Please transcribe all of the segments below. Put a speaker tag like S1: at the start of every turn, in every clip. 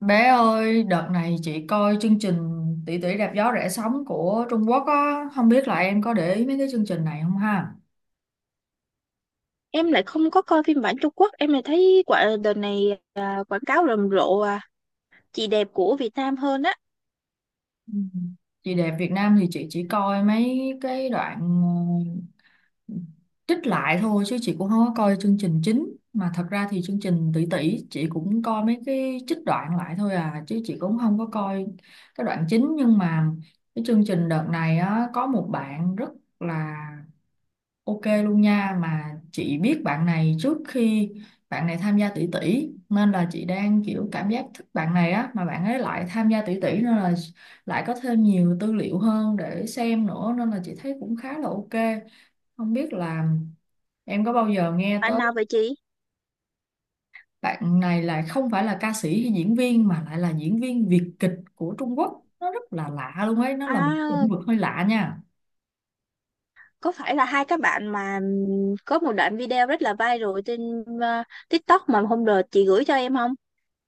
S1: Bé ơi, đợt này chị coi chương trình Tỷ tỷ đạp gió rẽ sóng của Trung Quốc á, không biết là em có để ý mấy cái chương trình này không ha?
S2: Em lại không có coi phim bản Trung Quốc, em lại thấy quả đợt này quảng cáo rầm rộ chị đẹp của Việt Nam hơn á.
S1: Ừ. Chị đẹp Việt Nam thì chị chỉ coi mấy cái đoạn ờ, trích lại thôi chứ chị cũng không có coi chương trình chính. Mà thật ra thì chương trình Tỷ tỷ chị cũng coi mấy cái trích đoạn lại thôi à, chứ chị cũng không có coi cái đoạn chính, nhưng mà cái chương trình đợt này á có một bạn rất là ok luôn nha, mà chị biết bạn này trước khi bạn này tham gia tỷ tỷ, nên là chị đang kiểu cảm giác thích bạn này á, mà bạn ấy lại tham gia tỷ tỷ, nên là lại có thêm nhiều tư liệu hơn để xem nữa, nên là chị thấy cũng khá là ok. Không biết là em có bao giờ nghe
S2: Bạn
S1: tới
S2: nào vậy chị?
S1: bạn này, là không phải là ca sĩ hay diễn viên mà lại là diễn viên Việt kịch của Trung Quốc. Nó rất là lạ luôn ấy, nó là một
S2: À,
S1: lĩnh vực hơi lạ nha.
S2: có phải là hai các bạn mà có một đoạn video rất là viral trên TikTok mà hôm đợt chị gửi cho em không?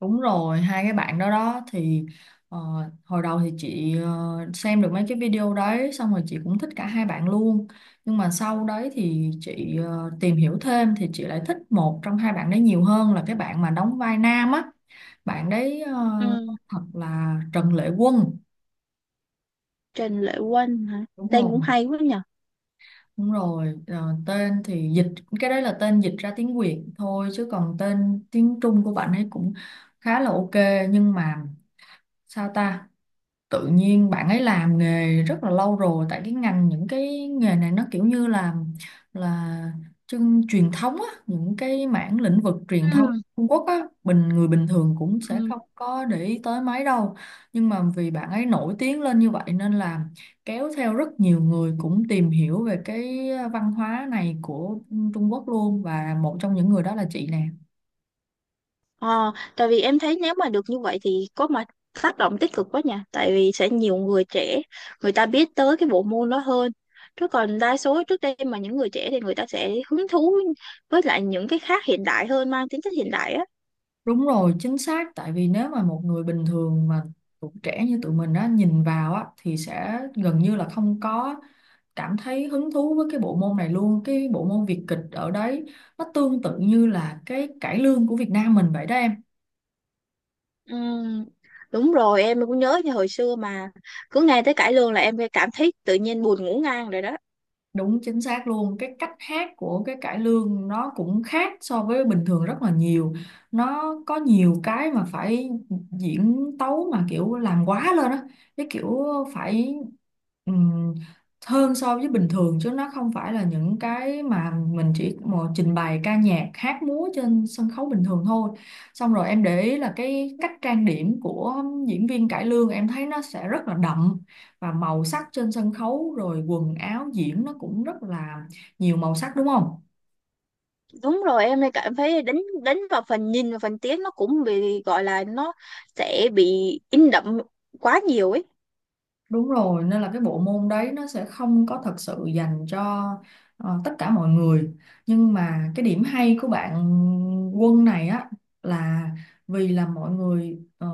S1: Đúng rồi, hai cái bạn đó đó thì ờ, hồi đầu thì chị xem được mấy cái video đấy, xong rồi chị cũng thích cả hai bạn luôn. Nhưng mà sau đấy thì chị tìm hiểu thêm thì chị lại thích một trong hai bạn đấy nhiều hơn, là cái bạn mà đóng vai nam á. Bạn đấy
S2: Ừ,
S1: thật là Trần Lệ Quân.
S2: Trần Lệ Quân hả?
S1: Đúng rồi,
S2: Tên cũng hay quá nhỉ.
S1: đúng rồi. Ờ, Tên thì dịch cái đấy là tên dịch ra tiếng Việt thôi, chứ còn tên tiếng Trung của bạn ấy cũng khá là ok, nhưng mà sao ta, tự nhiên bạn ấy làm nghề rất là lâu rồi, tại cái ngành những cái nghề này nó kiểu như là là chân truyền thống á, những cái mảng lĩnh vực truyền
S2: Ừ,
S1: thống Trung Quốc á, bình người bình thường cũng sẽ
S2: ừ.
S1: không có để ý tới mấy đâu, nhưng mà vì bạn ấy nổi tiếng lên như vậy nên là kéo theo rất nhiều người cũng tìm hiểu về cái văn hóa này của Trung Quốc luôn, và một trong những người đó là chị nè.
S2: Ờ, tại vì em thấy nếu mà được như vậy thì có mà tác động tích cực quá nha, tại vì sẽ nhiều người trẻ người ta biết tới cái bộ môn đó hơn, chứ còn đa số trước đây mà những người trẻ thì người ta sẽ hứng thú với lại những cái khác hiện đại hơn, mang tính chất hiện đại á.
S1: Đúng rồi, chính xác. Tại vì nếu mà một người bình thường mà tụi trẻ như tụi mình á, nhìn vào á, thì sẽ gần như là không có cảm thấy hứng thú với cái bộ môn này luôn. Cái bộ môn Việt kịch ở đấy nó tương tự như là cái cải lương của Việt Nam mình vậy đó em.
S2: Ừm, đúng rồi, em cũng nhớ như hồi xưa mà cứ nghe tới cải lương là em phải cảm thấy tự nhiên buồn ngủ ngang rồi đó.
S1: Đúng chính xác luôn, cái cách hát của cái cải lương nó cũng khác so với bình thường rất là nhiều. Nó có nhiều cái mà phải diễn tấu mà kiểu làm quá lên á, cái kiểu phải ừm, hơn so với bình thường, chứ nó không phải là những cái mà mình chỉ một trình bày ca nhạc hát múa trên sân khấu bình thường thôi. Xong rồi em để ý là cái cách trang điểm của diễn viên cải lương, em thấy nó sẽ rất là đậm, và màu sắc trên sân khấu rồi quần áo diễn nó cũng rất là nhiều màu sắc, đúng không?
S2: Đúng rồi, em lại cảm thấy đánh đánh vào phần nhìn và phần tiếng, nó cũng bị gọi là nó sẽ bị in đậm quá nhiều ấy.
S1: Đúng rồi, nên là cái bộ môn đấy nó sẽ không có thật sự dành cho tất cả mọi người. Nhưng mà cái điểm hay của bạn Quân này á, là vì là mọi người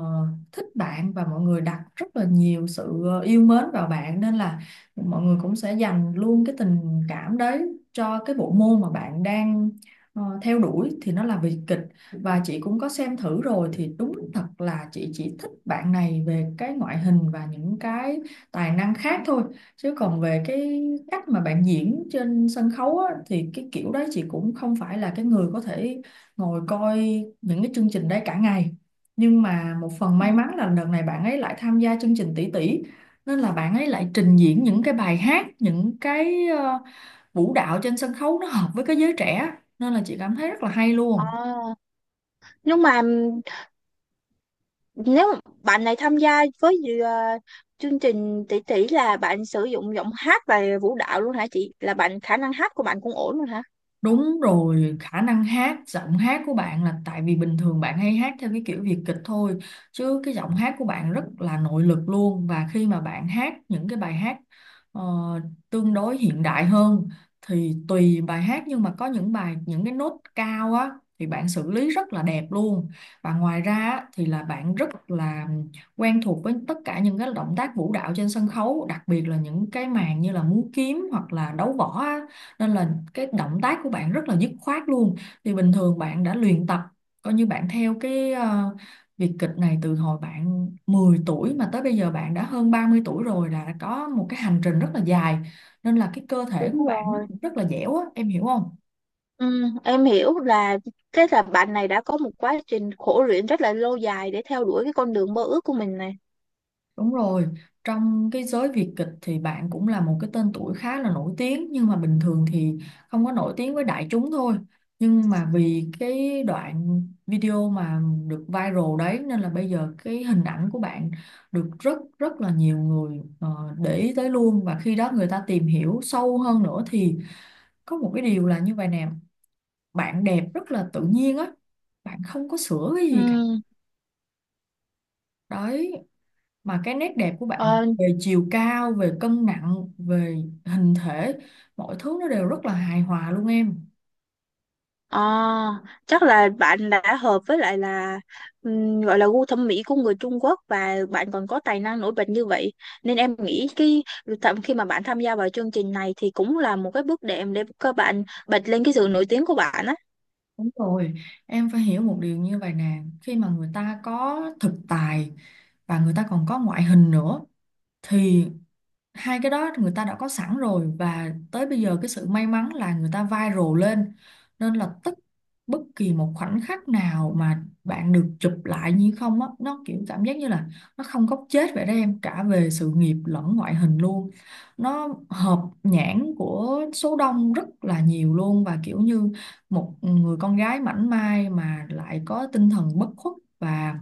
S1: thích bạn, và mọi người đặt rất là nhiều sự yêu mến vào bạn, nên là mọi người cũng sẽ dành luôn cái tình cảm đấy cho cái bộ môn mà bạn đang theo đuổi, thì nó là vì kịch. Và chị cũng có xem thử rồi thì đúng thật là chị chỉ thích bạn này về cái ngoại hình và những cái tài năng khác thôi, chứ còn về cái cách mà bạn diễn trên sân khấu á, thì cái kiểu đấy chị cũng không phải là cái người có thể ngồi coi những cái chương trình đấy cả ngày. Nhưng mà một phần may mắn là đợt này bạn ấy lại tham gia chương trình tỷ tỷ, nên là bạn ấy lại trình diễn những cái bài hát, những cái vũ đạo trên sân khấu nó hợp với cái giới trẻ, nên là chị cảm thấy rất là hay
S2: À,
S1: luôn.
S2: nhưng mà nếu mà bạn này tham gia với chương trình tỷ tỷ là bạn sử dụng giọng hát và vũ đạo luôn hả chị? Là bạn khả năng hát của bạn cũng ổn luôn hả?
S1: Đúng rồi, khả năng hát, giọng hát của bạn là tại vì bình thường bạn hay hát theo cái kiểu Việt kịch thôi, chứ cái giọng hát của bạn rất là nội lực luôn. Và khi mà bạn hát những cái bài hát ờ, tương đối hiện đại hơn, thì tùy bài hát, nhưng mà có những bài những cái nốt cao á, thì bạn xử lý rất là đẹp luôn. Và ngoài ra á, thì là bạn rất là quen thuộc với tất cả những cái động tác vũ đạo trên sân khấu, đặc biệt là những cái màn như là múa kiếm hoặc là đấu võ á, nên là cái động tác của bạn rất là dứt khoát luôn. Thì bình thường bạn đã luyện tập, coi như bạn theo cái việc kịch này từ hồi bạn 10 tuổi, mà tới bây giờ bạn đã hơn 30 tuổi rồi, là có một cái hành trình rất là dài, nên là cái cơ thể của
S2: Đúng
S1: bạn nó
S2: rồi.
S1: cũng rất là dẻo á, em hiểu không?
S2: Ừ, em hiểu là cái là bạn này đã có một quá trình khổ luyện rất là lâu dài để theo đuổi cái con đường mơ ước của mình này.
S1: Đúng rồi, trong cái giới Việt kịch thì bạn cũng là một cái tên tuổi khá là nổi tiếng, nhưng mà bình thường thì không có nổi tiếng với đại chúng thôi. Nhưng mà vì cái đoạn video mà được viral đấy, nên là bây giờ cái hình ảnh của bạn được rất rất là nhiều người để ý tới luôn, và khi đó người ta tìm hiểu sâu hơn nữa, thì có một cái điều là như vậy nè, bạn đẹp rất là tự nhiên á, bạn không có sửa cái
S2: Ừ.
S1: gì cả. Đấy, mà cái nét đẹp của bạn
S2: ờ,
S1: về chiều cao, về cân nặng, về hình thể, mọi thứ nó đều rất là hài hòa luôn em.
S2: Ờ, chắc là bạn đã hợp với lại là gọi là gu thẩm mỹ của người Trung Quốc, và bạn còn có tài năng nổi bật như vậy nên em nghĩ cái thậm khi mà bạn tham gia vào chương trình này thì cũng là một cái bước đệm để các bạn bật lên cái sự nổi tiếng của bạn á.
S1: Đúng rồi, em phải hiểu một điều như vậy nè, khi mà người ta có thực tài và người ta còn có ngoại hình nữa, thì hai cái đó người ta đã có sẵn rồi, và tới bây giờ cái sự may mắn là người ta viral lên, nên là tức bất kỳ một khoảnh khắc nào mà bạn được chụp lại như không á, nó kiểu cảm giác như là nó không góc chết vậy đó em, cả về sự nghiệp lẫn ngoại hình luôn. Nó hợp nhãn của số đông rất là nhiều luôn, và kiểu như một người con gái mảnh mai mà lại có tinh thần bất khuất và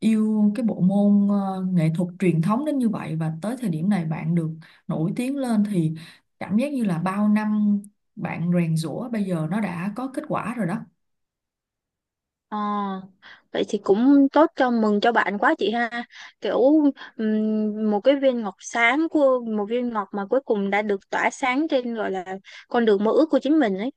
S1: yêu cái bộ môn nghệ thuật truyền thống đến như vậy, và tới thời điểm này bạn được nổi tiếng lên, thì cảm giác như là bao năm bạn rèn giũa, bây giờ nó đã có kết quả rồi đó.
S2: Ờ, vậy thì cũng tốt, cho mừng cho bạn quá chị ha. Kiểu một cái viên ngọc sáng, của một viên ngọc mà cuối cùng đã được tỏa sáng trên gọi là con đường mơ ước của chính mình ấy.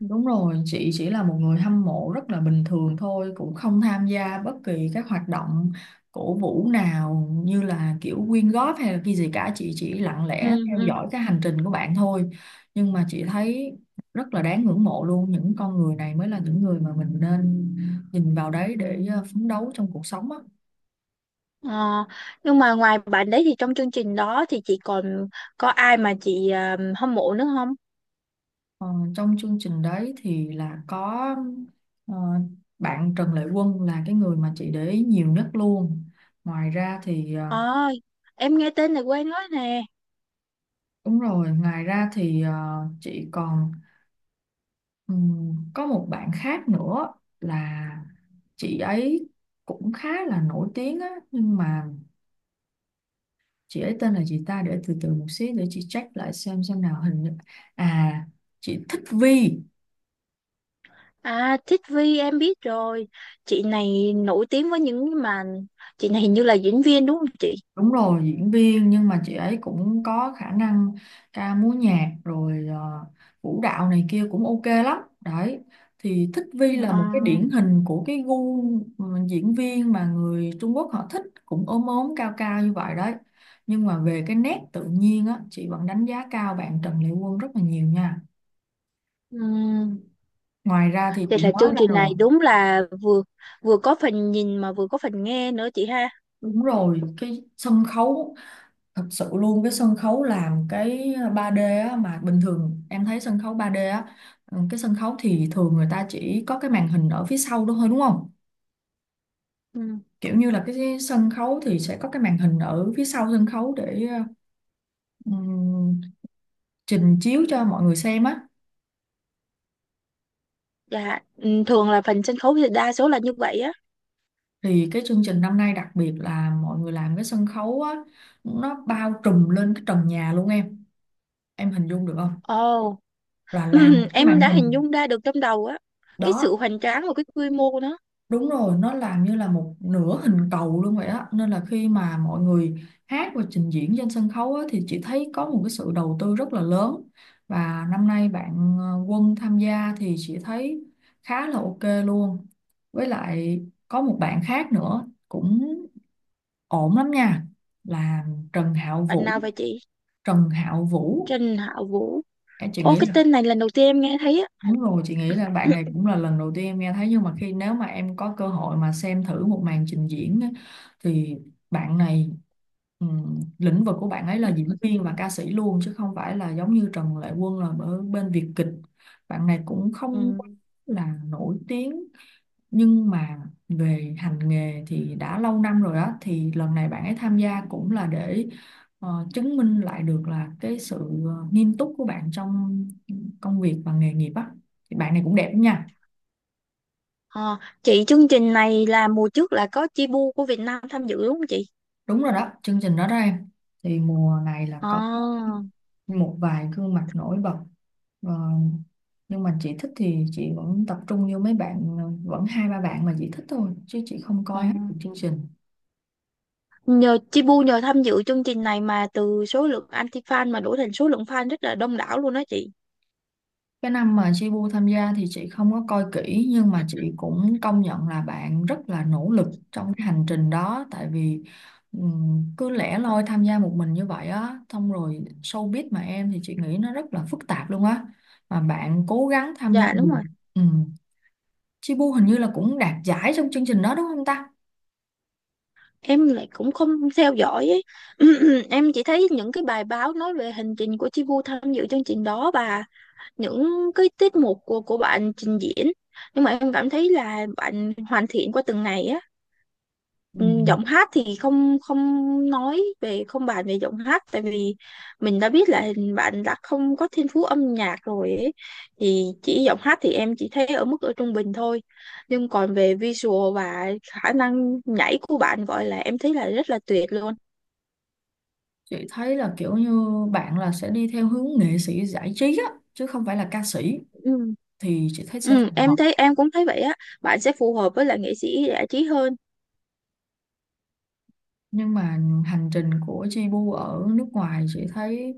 S1: Đúng rồi, chị chỉ là một người hâm mộ rất là bình thường thôi, cũng không tham gia bất kỳ các hoạt động cổ vũ nào, như là kiểu quyên góp hay là cái gì cả, chị chỉ lặng
S2: Ừ,
S1: lẽ theo
S2: ừ.
S1: dõi cái hành trình của bạn thôi. Nhưng mà chị thấy rất là đáng ngưỡng mộ luôn, những con người này mới là những người mà mình nên nhìn vào đấy để phấn đấu trong cuộc sống á.
S2: Ờ, nhưng mà ngoài bạn đấy thì trong chương trình đó thì chị còn có ai mà chị hâm mộ nữa không?
S1: Ờ, trong chương trình đấy thì là có ờ, bạn Trần Lệ Quân là cái người mà chị để ý nhiều nhất luôn. Ngoài ra thì ờ,
S2: Ờ, em nghe tên này quen quá nè.
S1: Đúng rồi, ngoài ra thì chị còn có một bạn khác nữa, là chị ấy cũng khá là nổi tiếng á, nhưng mà chị ấy tên là gì ta, để từ từ một xí để chị check lại xem nào. Hình như, à, chị thích Vi.
S2: À, Thích Vi em biết rồi. Chị này nổi tiếng với những mà chị này hình như là diễn viên đúng không chị?
S1: Đúng rồi, diễn viên, nhưng mà chị ấy cũng có khả năng ca múa nhạc, rồi vũ đạo này kia cũng ok lắm. Đấy, thì Thích Vi là
S2: Ờ,
S1: một cái điển hình của cái gu, diễn viên mà người Trung Quốc họ thích, cũng ốm ốm cao cao như vậy đấy. Nhưng mà về cái nét tự nhiên á, chị vẫn đánh giá cao bạn Trần Lệ Quân rất là nhiều nha.
S2: ừm.
S1: Ngoài ra thì
S2: Vậy
S1: chị
S2: là
S1: nói
S2: chương
S1: ra
S2: trình này
S1: rồi,
S2: đúng là vừa vừa có phần nhìn mà vừa có phần nghe nữa chị ha.
S1: đúng rồi, cái sân khấu thật sự luôn. Cái sân khấu làm cái 3D á, mà bình thường em thấy sân khấu 3D á, cái sân khấu thì thường người ta chỉ có cái màn hình ở phía sau đó thôi đúng không,
S2: Ừ.
S1: kiểu như là cái sân khấu thì sẽ có cái màn hình ở phía sau sân khấu để ừm, trình chiếu cho mọi người xem á.
S2: Dạ, ừ, thường là phần sân khấu thì đa số là như vậy á.
S1: Thì cái chương trình năm nay đặc biệt là mọi người làm cái sân khấu á, nó bao trùm lên cái trần nhà luôn em hình dung được không,
S2: Ồ.
S1: là làm một cái
S2: Em
S1: màn
S2: đã hình
S1: hình
S2: dung ra được trong đầu á, cái sự
S1: đó.
S2: hoành tráng và cái quy mô của nó.
S1: Đúng rồi, nó làm như là một nửa hình cầu luôn vậy á. Nên là khi mà mọi người hát và trình diễn trên sân khấu á, thì chị thấy có một cái sự đầu tư rất là lớn. Và năm nay bạn Quân tham gia thì chị thấy khá là ok luôn. Với lại có một bạn khác nữa cũng ổn lắm nha. Là Trần Hạo
S2: Bạn
S1: Vũ.
S2: nào vậy chị?
S1: Trần Hạo Vũ,
S2: Trình Hạo Vũ?
S1: em chị
S2: Ô,
S1: nghĩ
S2: cái
S1: là
S2: tên này lần đầu tiên em nghe thấy á.
S1: đúng rồi, chị nghĩ là bạn này cũng là lần đầu tiên em nghe thấy, nhưng mà khi nếu mà em có cơ hội mà xem thử một màn trình diễn á, thì bạn này lĩnh vực của bạn ấy là diễn viên và ca sĩ luôn chứ không phải là giống như Trần Lệ Quân là ở bên Việt kịch. Bạn này cũng không quá
S2: Ừm.
S1: là nổi tiếng, nhưng mà về hành nghề thì đã lâu năm rồi á, thì lần này bạn ấy tham gia cũng là để chứng minh lại được là cái sự nghiêm túc của bạn trong công việc và nghề nghiệp á, thì bạn này cũng đẹp lắm nha.
S2: Ờ, chị, chương trình này là mùa trước là có Chibu của Việt Nam tham dự đúng không chị?
S1: Đúng rồi đó, chương trình đó đó em. Thì mùa này là
S2: Ờ,
S1: có một vài gương mặt nổi bật. Ờ, nhưng mà chị thích thì chị vẫn tập trung như mấy bạn, vẫn hai ba bạn mà chị thích thôi, chứ chị không
S2: ờ.
S1: coi hết được chương trình.
S2: Nhờ Chibu nhờ tham dự chương trình này mà từ số lượng anti fan mà đổi thành số lượng fan rất là đông đảo luôn đó chị.
S1: Cái năm mà Jibu tham gia thì chị không có coi kỹ, nhưng mà chị cũng công nhận là bạn rất là nỗ lực
S2: Ừ.
S1: trong cái hành trình đó. Tại vì cứ lẻ loi tham gia một mình như vậy á, xong rồi showbiz mà em, thì chị nghĩ nó rất là phức tạp luôn á, mà bạn cố gắng tham gia
S2: Dạ đúng
S1: được.
S2: rồi,
S1: Um, Jibu hình như là cũng đạt giải trong chương trình đó đúng không ta?
S2: em lại cũng không theo dõi ấy. Em chỉ thấy những cái bài báo nói về hành trình của Chi Vu tham dự chương trình đó và những cái tiết mục của bạn trình diễn, nhưng mà em cảm thấy là bạn hoàn thiện qua từng ngày á. Ừ,
S1: Ừm,
S2: giọng hát thì không, không nói về, không bàn về giọng hát, tại vì mình đã biết là bạn đã không có thiên phú âm nhạc rồi ấy. Thì chỉ giọng hát thì em chỉ thấy ở mức ở trung bình thôi, nhưng còn về visual và khả năng nhảy của bạn gọi là em thấy là rất là tuyệt luôn.
S1: Chị thấy là kiểu như bạn là sẽ đi theo hướng nghệ sĩ giải trí á chứ không phải là ca sĩ,
S2: Ừ.
S1: thì chị thấy sẽ
S2: Ừ,
S1: phù hợp.
S2: em thấy, em cũng thấy vậy á, bạn sẽ phù hợp với là nghệ sĩ giải trí hơn.
S1: Nhưng mà hành trình của Jebu ở nước ngoài chị thấy,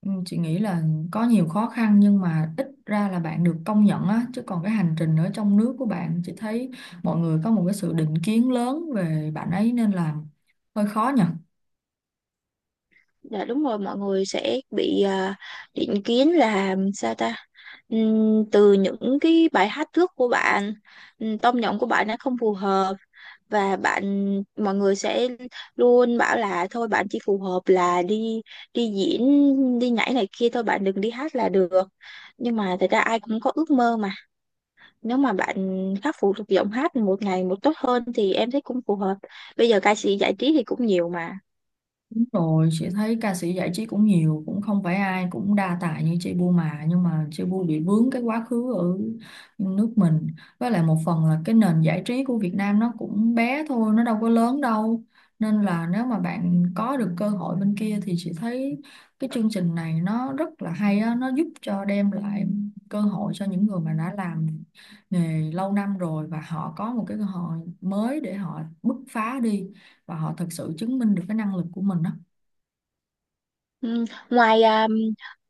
S1: chị nghĩ là có nhiều khó khăn, nhưng mà ít ra là bạn được công nhận á, chứ còn cái hành trình ở trong nước của bạn chị thấy mọi người có một cái sự định kiến lớn về bạn ấy, nên là hơi khó nhỉ.
S2: Dạ đúng rồi, mọi người sẽ bị định kiến là sao ta? Từ những cái bài hát trước của bạn, tông giọng của bạn nó không phù hợp, và bạn, mọi người sẽ luôn bảo là thôi bạn chỉ phù hợp là đi đi diễn, đi nhảy này kia thôi, bạn đừng đi hát là được. Nhưng mà thật ra ai cũng có ước mơ mà. Nếu mà bạn khắc phục được giọng hát một ngày một tốt hơn thì em thấy cũng phù hợp. Bây giờ ca sĩ giải trí thì cũng nhiều mà.
S1: Đúng rồi, chị thấy ca sĩ giải trí cũng nhiều, cũng không phải ai cũng đa tài như chị Bu mà, nhưng mà chị Bu bị vướng cái quá khứ ở nước mình. Với lại một phần là cái nền giải trí của Việt Nam nó cũng bé thôi, nó đâu có lớn đâu. Nên là nếu mà bạn có được cơ hội bên kia thì chị thấy cái chương trình này nó rất là hay á, nó giúp cho đem lại cơ hội cho những người mà đã làm nghề lâu năm rồi, và họ có một cái cơ hội mới để họ bứt phá đi và họ thật sự chứng minh được cái năng lực của mình đó.
S2: Ừ, ngoài à,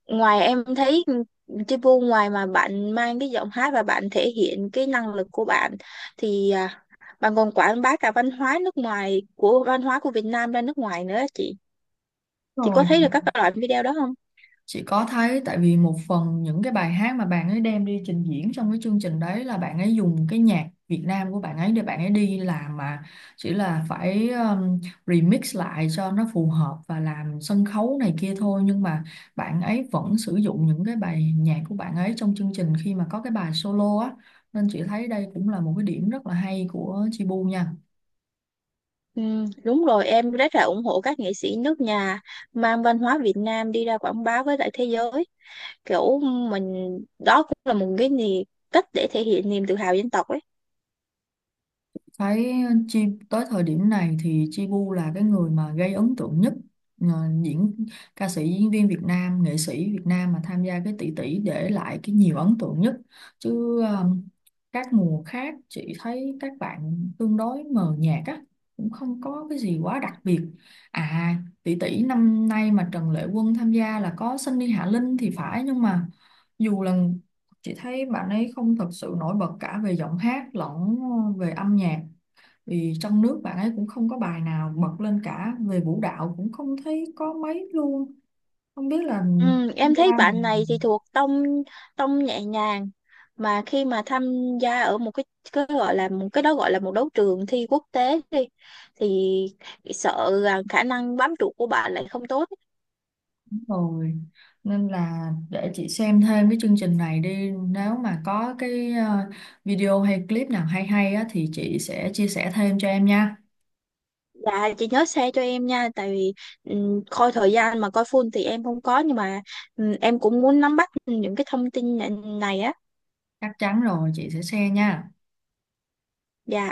S2: ngoài em thấy Chi Vu ngoài mà bạn mang cái giọng hát và bạn thể hiện cái năng lực của bạn thì bạn còn quảng bá cả văn hóa nước ngoài, của văn hóa của Việt Nam ra nước ngoài nữa á chị. Chị có
S1: Rồi,
S2: thấy được các loại video đó không?
S1: chị có thấy, tại vì một phần những cái bài hát mà bạn ấy đem đi trình diễn trong cái chương trình đấy là bạn ấy dùng cái nhạc Việt Nam của bạn ấy để bạn ấy đi làm mà, chỉ là phải remix lại cho nó phù hợp và làm sân khấu này kia thôi, nhưng mà bạn ấy vẫn sử dụng những cái bài nhạc của bạn ấy trong chương trình khi mà có cái bài solo á, nên chị thấy đây cũng là một cái điểm rất là hay của Chibu nha.
S2: Ừ, đúng rồi, em rất là ủng hộ các nghệ sĩ nước nhà mang văn hóa Việt Nam đi ra quảng bá với lại thế giới. Kiểu mình đó cũng là một cái gì, cách để thể hiện niềm tự hào dân tộc ấy.
S1: Thấy Chi tới thời điểm này thì Chi Bu là cái người mà gây ấn tượng nhất, ờ, diễn, ca sĩ diễn viên Việt Nam, nghệ sĩ Việt Nam mà tham gia cái tỷ tỷ để lại cái nhiều ấn tượng nhất, chứ các mùa khác chị thấy các bạn tương đối mờ nhạt á, cũng không có cái gì quá đặc biệt. À, tỷ tỷ năm nay mà Trần Lệ Quân tham gia là có Sunny Hạ Linh thì phải, nhưng mà dù là chị thấy bạn ấy không thật sự nổi bật cả về giọng hát lẫn về âm nhạc, vì trong nước bạn ấy cũng không có bài nào bật lên, cả về vũ đạo cũng không thấy có mấy luôn, không biết là
S2: Ừ, em thấy
S1: ra
S2: bạn
S1: mình
S2: này thì thuộc tông tông nhẹ nhàng, mà khi mà tham gia ở một cái gọi là một cái đó, gọi là một đấu trường thi quốc tế đi, thì sợ rằng khả năng bám trụ của bạn lại không tốt.
S1: rồi. Nên là để chị xem thêm cái chương trình này đi, nếu mà có cái video hay clip nào hay hay á, thì chị sẽ chia sẻ thêm cho em nha,
S2: Và chị nhớ share cho em nha, tại vì coi thời gian mà coi full thì em không có, nhưng mà em cũng muốn nắm bắt những cái thông tin này á.
S1: chắc chắn rồi, chị sẽ share nha.
S2: Dạ.